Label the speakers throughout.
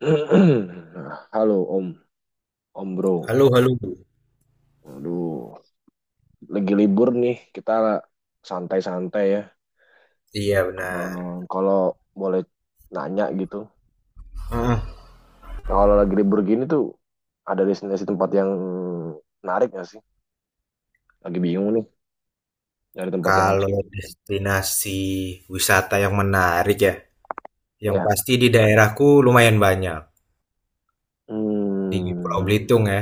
Speaker 1: Halo Om, Om Bro.
Speaker 2: Halo, halo.
Speaker 1: Aduh, lagi libur nih, kita santai-santai ya.
Speaker 2: Iya,
Speaker 1: Ehm,
Speaker 2: benar.
Speaker 1: kalau boleh nanya gitu.
Speaker 2: Heeh.
Speaker 1: Nah, kalau lagi libur gini tuh ada destinasi tempat yang menarik nggak sih? Lagi bingung nih, nyari tempat yang asik.
Speaker 2: Kalau destinasi wisata yang menarik ya, yang
Speaker 1: Ya.
Speaker 2: pasti di daerahku lumayan banyak. Di Pulau
Speaker 1: Hmm,
Speaker 2: Belitung ya.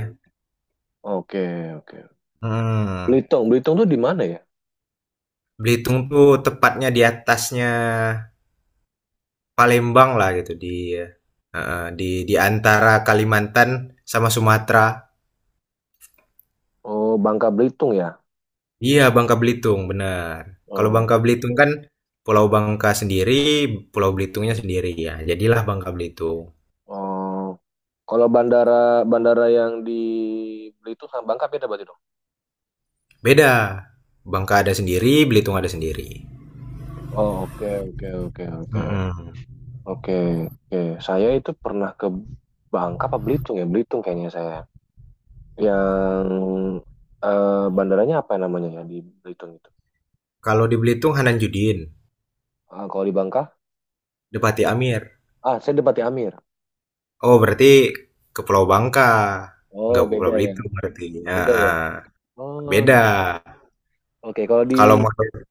Speaker 1: oke, oke.
Speaker 2: Hmm.
Speaker 1: Belitung, tuh di mana ya?
Speaker 2: Belitung tuh tepatnya di atasnya Palembang lah gitu di eh, di antara Kalimantan sama Sumatera.
Speaker 1: Oh, Bangka Belitung ya.
Speaker 2: Iya, Bangka Belitung, benar. Kalau
Speaker 1: Oh.
Speaker 2: Bangka Belitung kan Pulau Bangka sendiri, Pulau Belitungnya sendiri ya. Jadilah Bangka Belitung.
Speaker 1: Oh, kalau bandara bandara yang di Beli itu sama Bangka beda berarti dong.
Speaker 2: Beda. Bangka ada sendiri, Belitung ada sendiri.
Speaker 1: Oh, oke, oke, oke, oke.
Speaker 2: Mm-mm.
Speaker 1: Oke, oke. Saya itu pernah ke Bangka apa Belitung ya? Belitung kayaknya saya. Yang bandaranya apa namanya ya di Belitung itu?
Speaker 2: Kalau di Belitung Hanan Judin,
Speaker 1: Ah, kalau di Bangka?
Speaker 2: Depati Amir.
Speaker 1: Ah, saya di Bati Amir.
Speaker 2: Oh, berarti ke Pulau Bangka. Nggak
Speaker 1: Oh,
Speaker 2: ke Pulau
Speaker 1: beda ya.
Speaker 2: Belitung berarti. Ya,
Speaker 1: Beda ya.
Speaker 2: ah.
Speaker 1: Oh,
Speaker 2: Beda.
Speaker 1: oke. Kalau di
Speaker 2: Kalau menurut-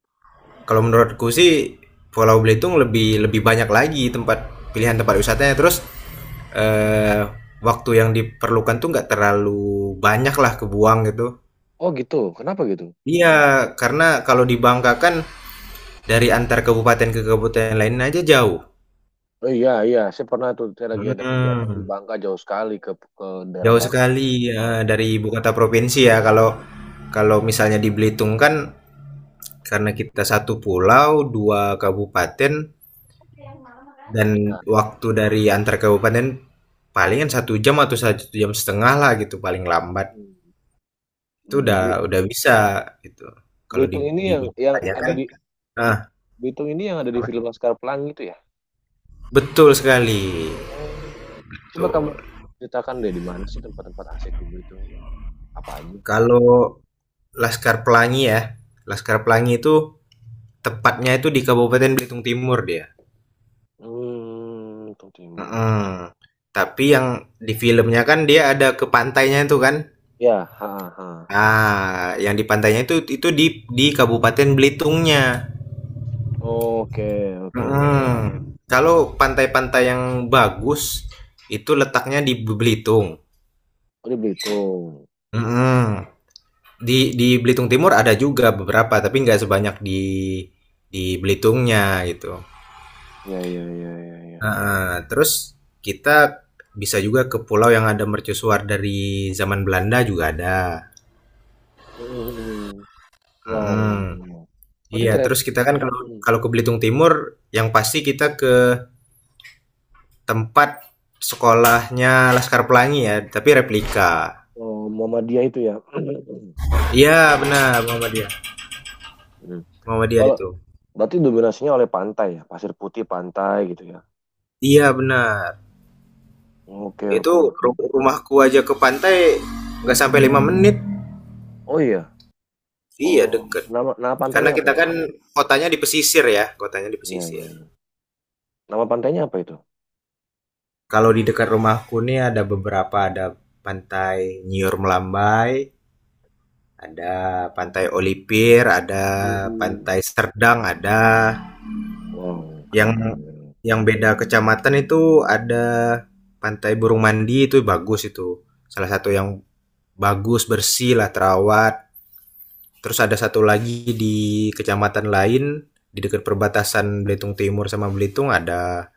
Speaker 2: kalau menurutku sih Pulau Belitung lebih lebih banyak lagi tempat pilihan tempat wisatanya. Terus eh, waktu yang diperlukan tuh nggak terlalu banyak lah kebuang gitu.
Speaker 1: oh gitu. Kenapa gitu?
Speaker 2: Iya, karena kalau di Bangka kan dari antar kabupaten ke kabupaten lain aja jauh.
Speaker 1: Oh iya, iya, saya pernah tuh saya lagi ada kegiatan di
Speaker 2: Mhm,
Speaker 1: Bangka jauh sekali ke daerah
Speaker 2: jauh
Speaker 1: lain.
Speaker 2: sekali,
Speaker 1: Wow.
Speaker 2: ya dari ibu kota provinsi ya, kalau kalau misalnya di Belitung kan karena kita satu pulau, 2 kabupaten, dan
Speaker 1: Ya.
Speaker 2: waktu dari antar kabupaten palingan 1 jam atau satu jam setengah lah gitu paling lambat,
Speaker 1: Hmm.
Speaker 2: itu
Speaker 1: Hmm,
Speaker 2: udah
Speaker 1: Bel-
Speaker 2: udah bisa gitu. Kalau di
Speaker 1: Belitung ini
Speaker 2: di
Speaker 1: yang
Speaker 2: Bangka ya
Speaker 1: ada
Speaker 2: kan,
Speaker 1: di
Speaker 2: nah,
Speaker 1: Belitung ini yang ada di film Laskar Pelangi itu ya?
Speaker 2: betul sekali,
Speaker 1: Oh, coba kamu
Speaker 2: betul.
Speaker 1: ceritakan deh di mana sih tempat-tempat asik di Belitung itu? Apa aja?
Speaker 2: Kalau Laskar Pelangi ya, Laskar Pelangi itu tepatnya itu di Kabupaten Belitung Timur dia.
Speaker 1: Hmm, Belitung Timur.
Speaker 2: Mhm. Tapi yang di filmnya kan dia ada ke pantainya itu kan?
Speaker 1: Ya, ha ha, ha.
Speaker 2: Ah, yang di pantainya itu di Kabupaten Belitungnya.
Speaker 1: Oke, oke, oke.
Speaker 2: Mhm. Kalau pantai-pantai yang bagus itu letaknya di Belitung.
Speaker 1: Oh, di Belitung.
Speaker 2: Mhm. Di Belitung Timur ada juga beberapa tapi nggak sebanyak di Belitungnya gitu.
Speaker 1: Ya, ya, ya, ya, ya.
Speaker 2: Heeh. Terus kita bisa juga ke pulau yang ada mercusuar dari zaman Belanda juga ada.
Speaker 1: Hmm.
Speaker 2: Mhm.
Speaker 1: Wow. Berarti
Speaker 2: Iya,
Speaker 1: ternyata
Speaker 2: terus kita kan kalau
Speaker 1: hmm.
Speaker 2: kalau ke Belitung Timur, yang pasti kita ke tempat sekolahnya Laskar Pelangi ya, tapi replika.
Speaker 1: Oh, Muhammadiyah itu ya.
Speaker 2: Iya, benar, Muhammadiyah.
Speaker 1: Hmm.
Speaker 2: Muhammadiyah
Speaker 1: Kalau
Speaker 2: itu.
Speaker 1: berarti dominasinya oleh pantai ya, pasir putih pantai gitu ya.
Speaker 2: Iya, benar.
Speaker 1: Oke, oke,
Speaker 2: Itu
Speaker 1: oke.
Speaker 2: rumahku aja ke pantai nggak sampai 5 menit.
Speaker 1: Oh iya.
Speaker 2: Iya,
Speaker 1: Oh,
Speaker 2: deket.
Speaker 1: nama nama pantainya
Speaker 2: Karena
Speaker 1: apa
Speaker 2: kita
Speaker 1: ya?
Speaker 2: kan kotanya di pesisir ya, kotanya di
Speaker 1: Iya, iya,
Speaker 2: pesisir.
Speaker 1: iya. Nama pantainya apa itu?
Speaker 2: Kalau di dekat rumahku nih ada beberapa, ada Pantai Nyiur Melambai, ada Pantai Olipir, ada
Speaker 1: Hmm.
Speaker 2: Pantai Serdang, ada.
Speaker 1: Wow, keren,
Speaker 2: Yang
Speaker 1: keren.
Speaker 2: yang beda kecamatan itu ada Pantai Burung Mandi, itu bagus itu. Salah satu yang bagus, bersih lah, terawat. Terus ada satu lagi di kecamatan lain di dekat perbatasan Belitung Timur sama Belitung, ada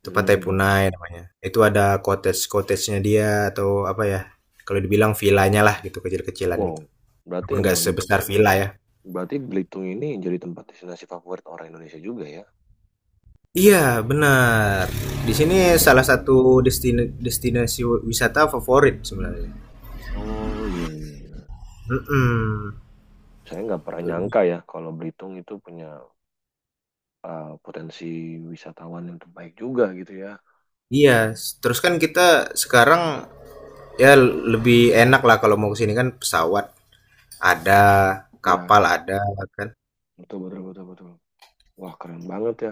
Speaker 2: itu Pantai
Speaker 1: Hmm.
Speaker 2: Punai namanya. Itu ada cottage-cottagenya dia atau apa ya? Kalau dibilang villanya lah gitu, kecil-kecilan
Speaker 1: Wow,
Speaker 2: gitu.
Speaker 1: berarti
Speaker 2: Walaupun nggak
Speaker 1: emang
Speaker 2: sebesar villa ya.
Speaker 1: berarti Belitung ini jadi tempat destinasi favorit orang Indonesia juga ya?
Speaker 2: Iya, benar. Di sini salah
Speaker 1: Hmm.
Speaker 2: satu destinasi wisata favorit sebenarnya.
Speaker 1: Oh iya, iya, iya.
Speaker 2: Mhm.
Speaker 1: Saya nggak pernah
Speaker 2: Itu dia.
Speaker 1: nyangka ya kalau Belitung itu punya potensi wisatawan yang terbaik juga gitu ya.
Speaker 2: Iya,
Speaker 1: Gitu.
Speaker 2: terus kan kita sekarang ya lebih enak lah kalau mau ke sini kan pesawat ada,
Speaker 1: Iya,
Speaker 2: kapal ada kan.
Speaker 1: betul, betul, betul, betul. Wah, keren banget ya.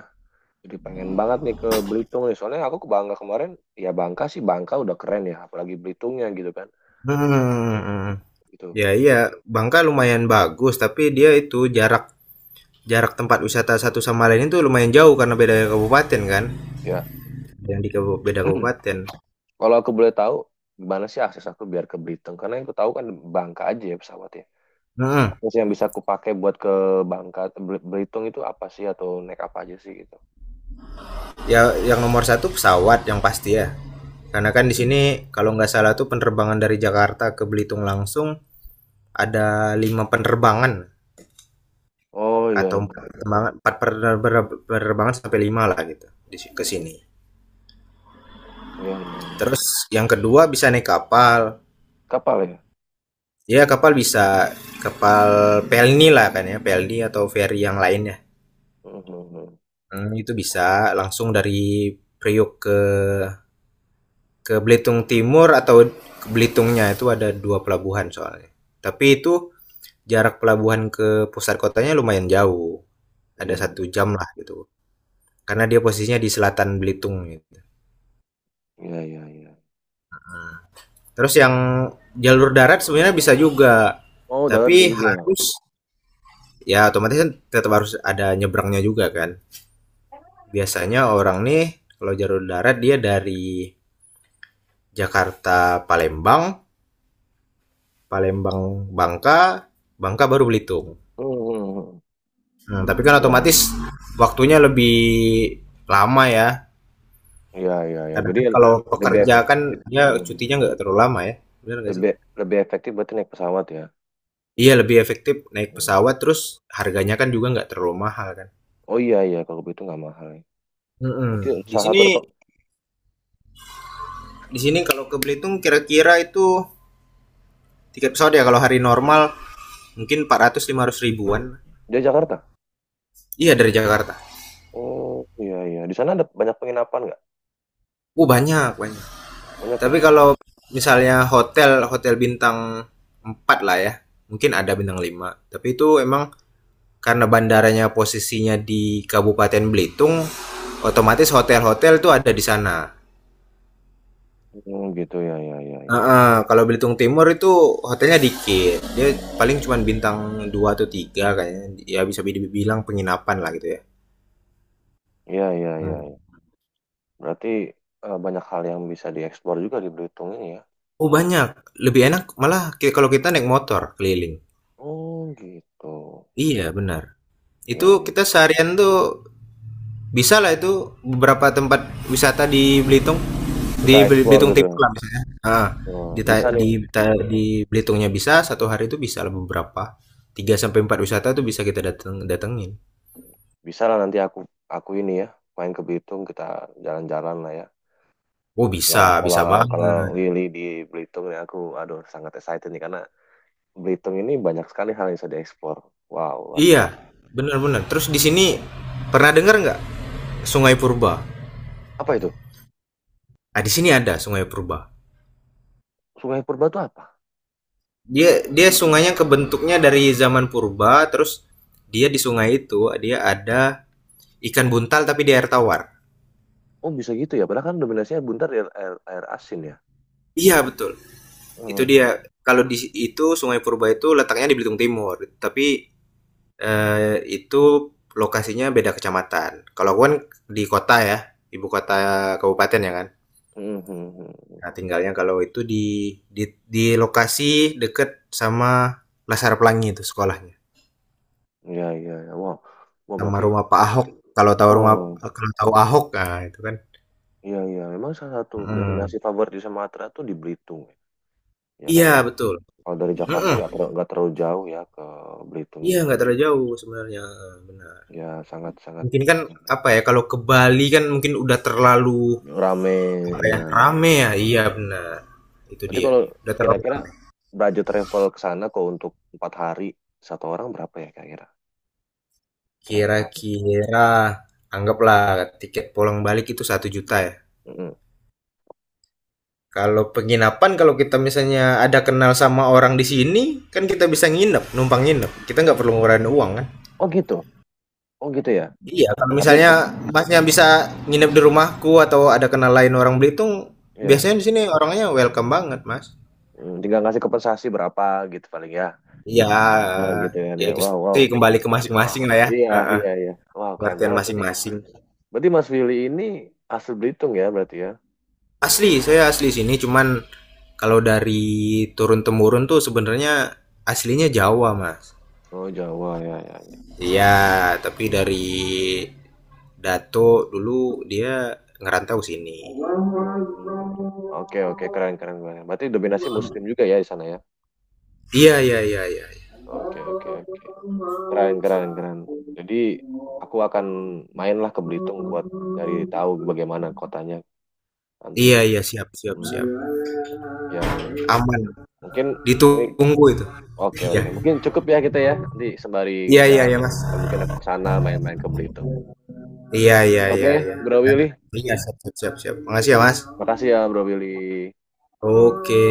Speaker 1: Jadi pengen banget nih ke Belitung nih. Soalnya aku ke Bangka kemarin, ya Bangka sih Bangka udah keren ya, apalagi Belitungnya gitu kan.
Speaker 2: Hmm.
Speaker 1: Gitu.
Speaker 2: Ya iya, Bangka lumayan bagus tapi dia itu jarak jarak tempat wisata satu sama lain itu lumayan jauh karena beda kabupaten kan.
Speaker 1: Ya.
Speaker 2: Yang beda kabupaten.
Speaker 1: Kalau aku boleh tahu gimana sih akses aku biar ke Belitung? Karena yang aku tahu kan Bangka aja ya pesawatnya.
Speaker 2: Hmm.
Speaker 1: Apa sih yang bisa aku pakai buat ke Bangka Bel- Belitung itu apa sih atau naik apa aja sih gitu?
Speaker 2: Ya, yang nomor satu pesawat yang pasti ya. Karena kan di sini
Speaker 1: Hmm.
Speaker 2: kalau nggak salah tuh penerbangan dari Jakarta ke Belitung langsung ada lima penerbangan
Speaker 1: Oh iya,
Speaker 2: atau
Speaker 1: iya,
Speaker 2: empat penerbangan, sampai lima lah gitu ke sini.
Speaker 1: iya, iya, iya, iya.
Speaker 2: Terus yang kedua bisa naik kapal.
Speaker 1: Kapal ya?
Speaker 2: Ya kapal, bisa kapal pelni lah kan ya, pelni atau ferry yang lainnya.
Speaker 1: Hmm, hmm, hmm.
Speaker 2: Hmm, itu
Speaker 1: Oh
Speaker 2: bisa langsung dari Priok ke Belitung Timur atau ke Belitungnya, itu ada dua pelabuhan soalnya. Tapi itu jarak pelabuhan ke pusat kotanya lumayan jauh.
Speaker 1: iya,
Speaker 2: Ada
Speaker 1: iya,
Speaker 2: 1 jam lah gitu. Karena dia posisinya di selatan Belitung gitu.
Speaker 1: iya, iya, iya.
Speaker 2: Terus yang jalur darat sebenarnya bisa juga,
Speaker 1: Oh darat
Speaker 2: tapi
Speaker 1: juga.
Speaker 2: harus, ya otomatis kan tetap harus ada nyebrangnya juga kan. Biasanya orang nih kalau jalur darat dia dari Jakarta Palembang, Palembang Bangka, Bangka baru Belitung.
Speaker 1: Hmm, hmm, hmm.
Speaker 2: Hmm, tapi kan
Speaker 1: Iya.
Speaker 2: otomatis waktunya lebih lama ya.
Speaker 1: Iya, iya, iya.
Speaker 2: Kadang
Speaker 1: Jadi
Speaker 2: kan kalau
Speaker 1: lebih
Speaker 2: pekerja
Speaker 1: efektif.
Speaker 2: kan dia cutinya nggak terlalu lama ya, benar nggak sih?
Speaker 1: Lebih, lebih efektif berarti naik pesawat ya.
Speaker 2: Iya, lebih efektif naik
Speaker 1: Hmm.
Speaker 2: pesawat, terus harganya kan juga nggak terlalu mahal kan.
Speaker 1: Oh iya, iya. Kalau begitu nggak mahal ya.
Speaker 2: Mhm.
Speaker 1: Berarti
Speaker 2: Di
Speaker 1: salah satu
Speaker 2: sini
Speaker 1: reko-
Speaker 2: di sini kalau ke Belitung kira-kira itu tiket pesawat ya kalau hari normal mungkin 400 500 ribuan.
Speaker 1: Dia Jakarta?
Speaker 2: Iya, dari Jakarta.
Speaker 1: Oh iya, iya. Di sana ada banyak penginapan nggak?
Speaker 2: Banyak banyak.
Speaker 1: Banyak ya?
Speaker 2: Tapi kalau misalnya hotel hotel bintang 4 lah ya. Mungkin ada bintang 5. Tapi itu emang karena bandaranya posisinya di Kabupaten Belitung, otomatis hotel-hotel itu ada di sana.
Speaker 1: Hmm, gitu ya, ya, ya, ya.
Speaker 2: Heeh, kalau Belitung Timur itu hotelnya dikit. Dia paling cuman bintang 2 atau 3 kayaknya. Ya bisa dibilang penginapan lah gitu ya.
Speaker 1: Iya, iya, iya,
Speaker 2: Hmm.
Speaker 1: iya. Berarti banyak hal yang bisa dieksplor juga di Belitung ini ya.
Speaker 2: Oh banyak, lebih enak malah kalau kita naik motor keliling.
Speaker 1: Oh gitu.
Speaker 2: Iya benar. Itu
Speaker 1: Ya, ya.
Speaker 2: kita seharian tuh bisa lah itu beberapa tempat wisata di Belitung.
Speaker 1: Kita
Speaker 2: Di Bel-
Speaker 1: eksplor
Speaker 2: Belitung
Speaker 1: gitu.
Speaker 2: Timur lah misalnya.
Speaker 1: Oh,
Speaker 2: Di,
Speaker 1: bisa
Speaker 2: ta-
Speaker 1: nih.
Speaker 2: di, di Belitungnya bisa, satu hari itu bisa lah beberapa. Tiga sampai 4 wisata tuh bisa kita dateng, datengin.
Speaker 1: Bisa lah nanti aku ini ya main ke Belitung kita jalan-jalan lah ya.
Speaker 2: Oh bisa,
Speaker 1: Nah, kalau
Speaker 2: bisa
Speaker 1: kalau
Speaker 2: banget.
Speaker 1: Willy di Belitung nih aku aduh sangat excited nih karena Belitung ini banyak sekali hal yang bisa dieksplor. Wow, luar biasa.
Speaker 2: Iya, benar-benar. Terus di sini pernah dengar nggak Sungai Purba?
Speaker 1: Apa itu?
Speaker 2: Nah, di sini ada Sungai Purba.
Speaker 1: Sungai Purba itu apa?
Speaker 2: Dia dia sungainya kebentuknya dari zaman purba, terus dia di sungai itu dia ada ikan buntal tapi di air tawar.
Speaker 1: Oh, bisa gitu ya. Padahal kan dominasinya buntar di air, air, air asin ya.
Speaker 2: Iya, betul. Itu
Speaker 1: Mhm.
Speaker 2: dia. Kalau di itu Sungai Purba itu letaknya di Belitung Timur, tapi itu lokasinya beda kecamatan. Kalau aku kan di kota ya, ibu kota kabupaten ya kan.
Speaker 1: Mhm.
Speaker 2: Nah, tinggalnya kalau itu di di lokasi deket sama Laskar Pelangi itu sekolahnya,
Speaker 1: Iya, iya, iya. Wow. Wow,
Speaker 2: sama
Speaker 1: berarti
Speaker 2: rumah Pak Ahok. Kalau tahu rumah
Speaker 1: oh,
Speaker 2: kalau tahu Ahok, nah itu kan.
Speaker 1: iya, iya. Memang salah satu
Speaker 2: Mhm.
Speaker 1: destinasi favorit di Sumatera tuh di Belitung. Ya kan
Speaker 2: Iya,
Speaker 1: ya.
Speaker 2: betul.
Speaker 1: Kalau dari Jakarta
Speaker 2: Mhm.
Speaker 1: nggak terlalu jauh ya ke Belitung
Speaker 2: Iya,
Speaker 1: itu.
Speaker 2: nggak terlalu jauh sebenarnya, benar.
Speaker 1: Ya, sangat sangat
Speaker 2: Mungkin kan, apa ya, kalau ke Bali kan mungkin udah terlalu,
Speaker 1: rame
Speaker 2: apa ya,
Speaker 1: ya.
Speaker 2: rame ya, iya benar, itu
Speaker 1: Berarti
Speaker 2: dia,
Speaker 1: kalau
Speaker 2: udah terlalu
Speaker 1: kira-kira
Speaker 2: rame.
Speaker 1: budget travel ke sana kok untuk 4 hari satu orang berapa ya kira-kira? Kira-kira.
Speaker 2: Kira-kira anggaplah tiket pulang balik itu 1 juta ya.
Speaker 1: Mm-mm.
Speaker 2: Kalau penginapan, kalau kita misalnya ada kenal sama orang di sini kan kita bisa nginep, numpang nginep, kita nggak perlu ngeluarin uang kan.
Speaker 1: Oh gitu, oh gitu ya.
Speaker 2: Iya, kalau
Speaker 1: Tapi
Speaker 2: misalnya
Speaker 1: tetap
Speaker 2: masnya bisa nginep di rumahku atau ada kenal lain orang Belitung,
Speaker 1: ya,
Speaker 2: biasanya di sini orangnya welcome banget, mas.
Speaker 1: mm, tinggal ngasih kompensasi berapa gitu paling ya.
Speaker 2: Iya,
Speaker 1: Ya gitu kan
Speaker 2: ya
Speaker 1: ya.
Speaker 2: itu
Speaker 1: Wow, wow.
Speaker 2: sih kembali ke masing-masing lah ya.
Speaker 1: Iya,
Speaker 2: Heeh,
Speaker 1: iya, iya. Wow, keren
Speaker 2: pengertian
Speaker 1: banget. Berarti,
Speaker 2: masing-masing.
Speaker 1: berarti Mas Willy ini asli Belitung ya berarti ya?
Speaker 2: Asli, saya asli sini, cuman kalau dari turun temurun tuh sebenarnya aslinya Jawa, mas.
Speaker 1: Oh Jawa ya, ya, ya.
Speaker 2: Iya, tapi dari Dato dulu dia ngerantau sini.
Speaker 1: Hmm. Oke, oke, keren, keren, keren. Berarti dominasi Muslim juga ya di sana ya?
Speaker 2: Iya, iya, iya, iya.
Speaker 1: Oke, oke, oke. Keren, keren, keren, jadi aku akan mainlah ke Belitung buat cari tahu bagaimana kotanya nanti.
Speaker 2: Iya, iya, siap, siap,
Speaker 1: Hmm,
Speaker 2: siap.
Speaker 1: ya ya
Speaker 2: Aman.
Speaker 1: mungkin ini
Speaker 2: Ditunggu itu.
Speaker 1: oke
Speaker 2: Iya.
Speaker 1: oke mungkin cukup ya kita ya nanti sembari
Speaker 2: Iya, iya,
Speaker 1: jalan
Speaker 2: iya, Mas.
Speaker 1: ya, mungkin aku ke sana main-main ke Belitung.
Speaker 2: Iya, iya,
Speaker 1: Oke
Speaker 2: iya, iya.
Speaker 1: Bro Willy,
Speaker 2: Iya, siap, siap, siap. Siap. Makasih ya, Mas.
Speaker 1: makasih ya Bro Willy. Ya.
Speaker 2: Oke.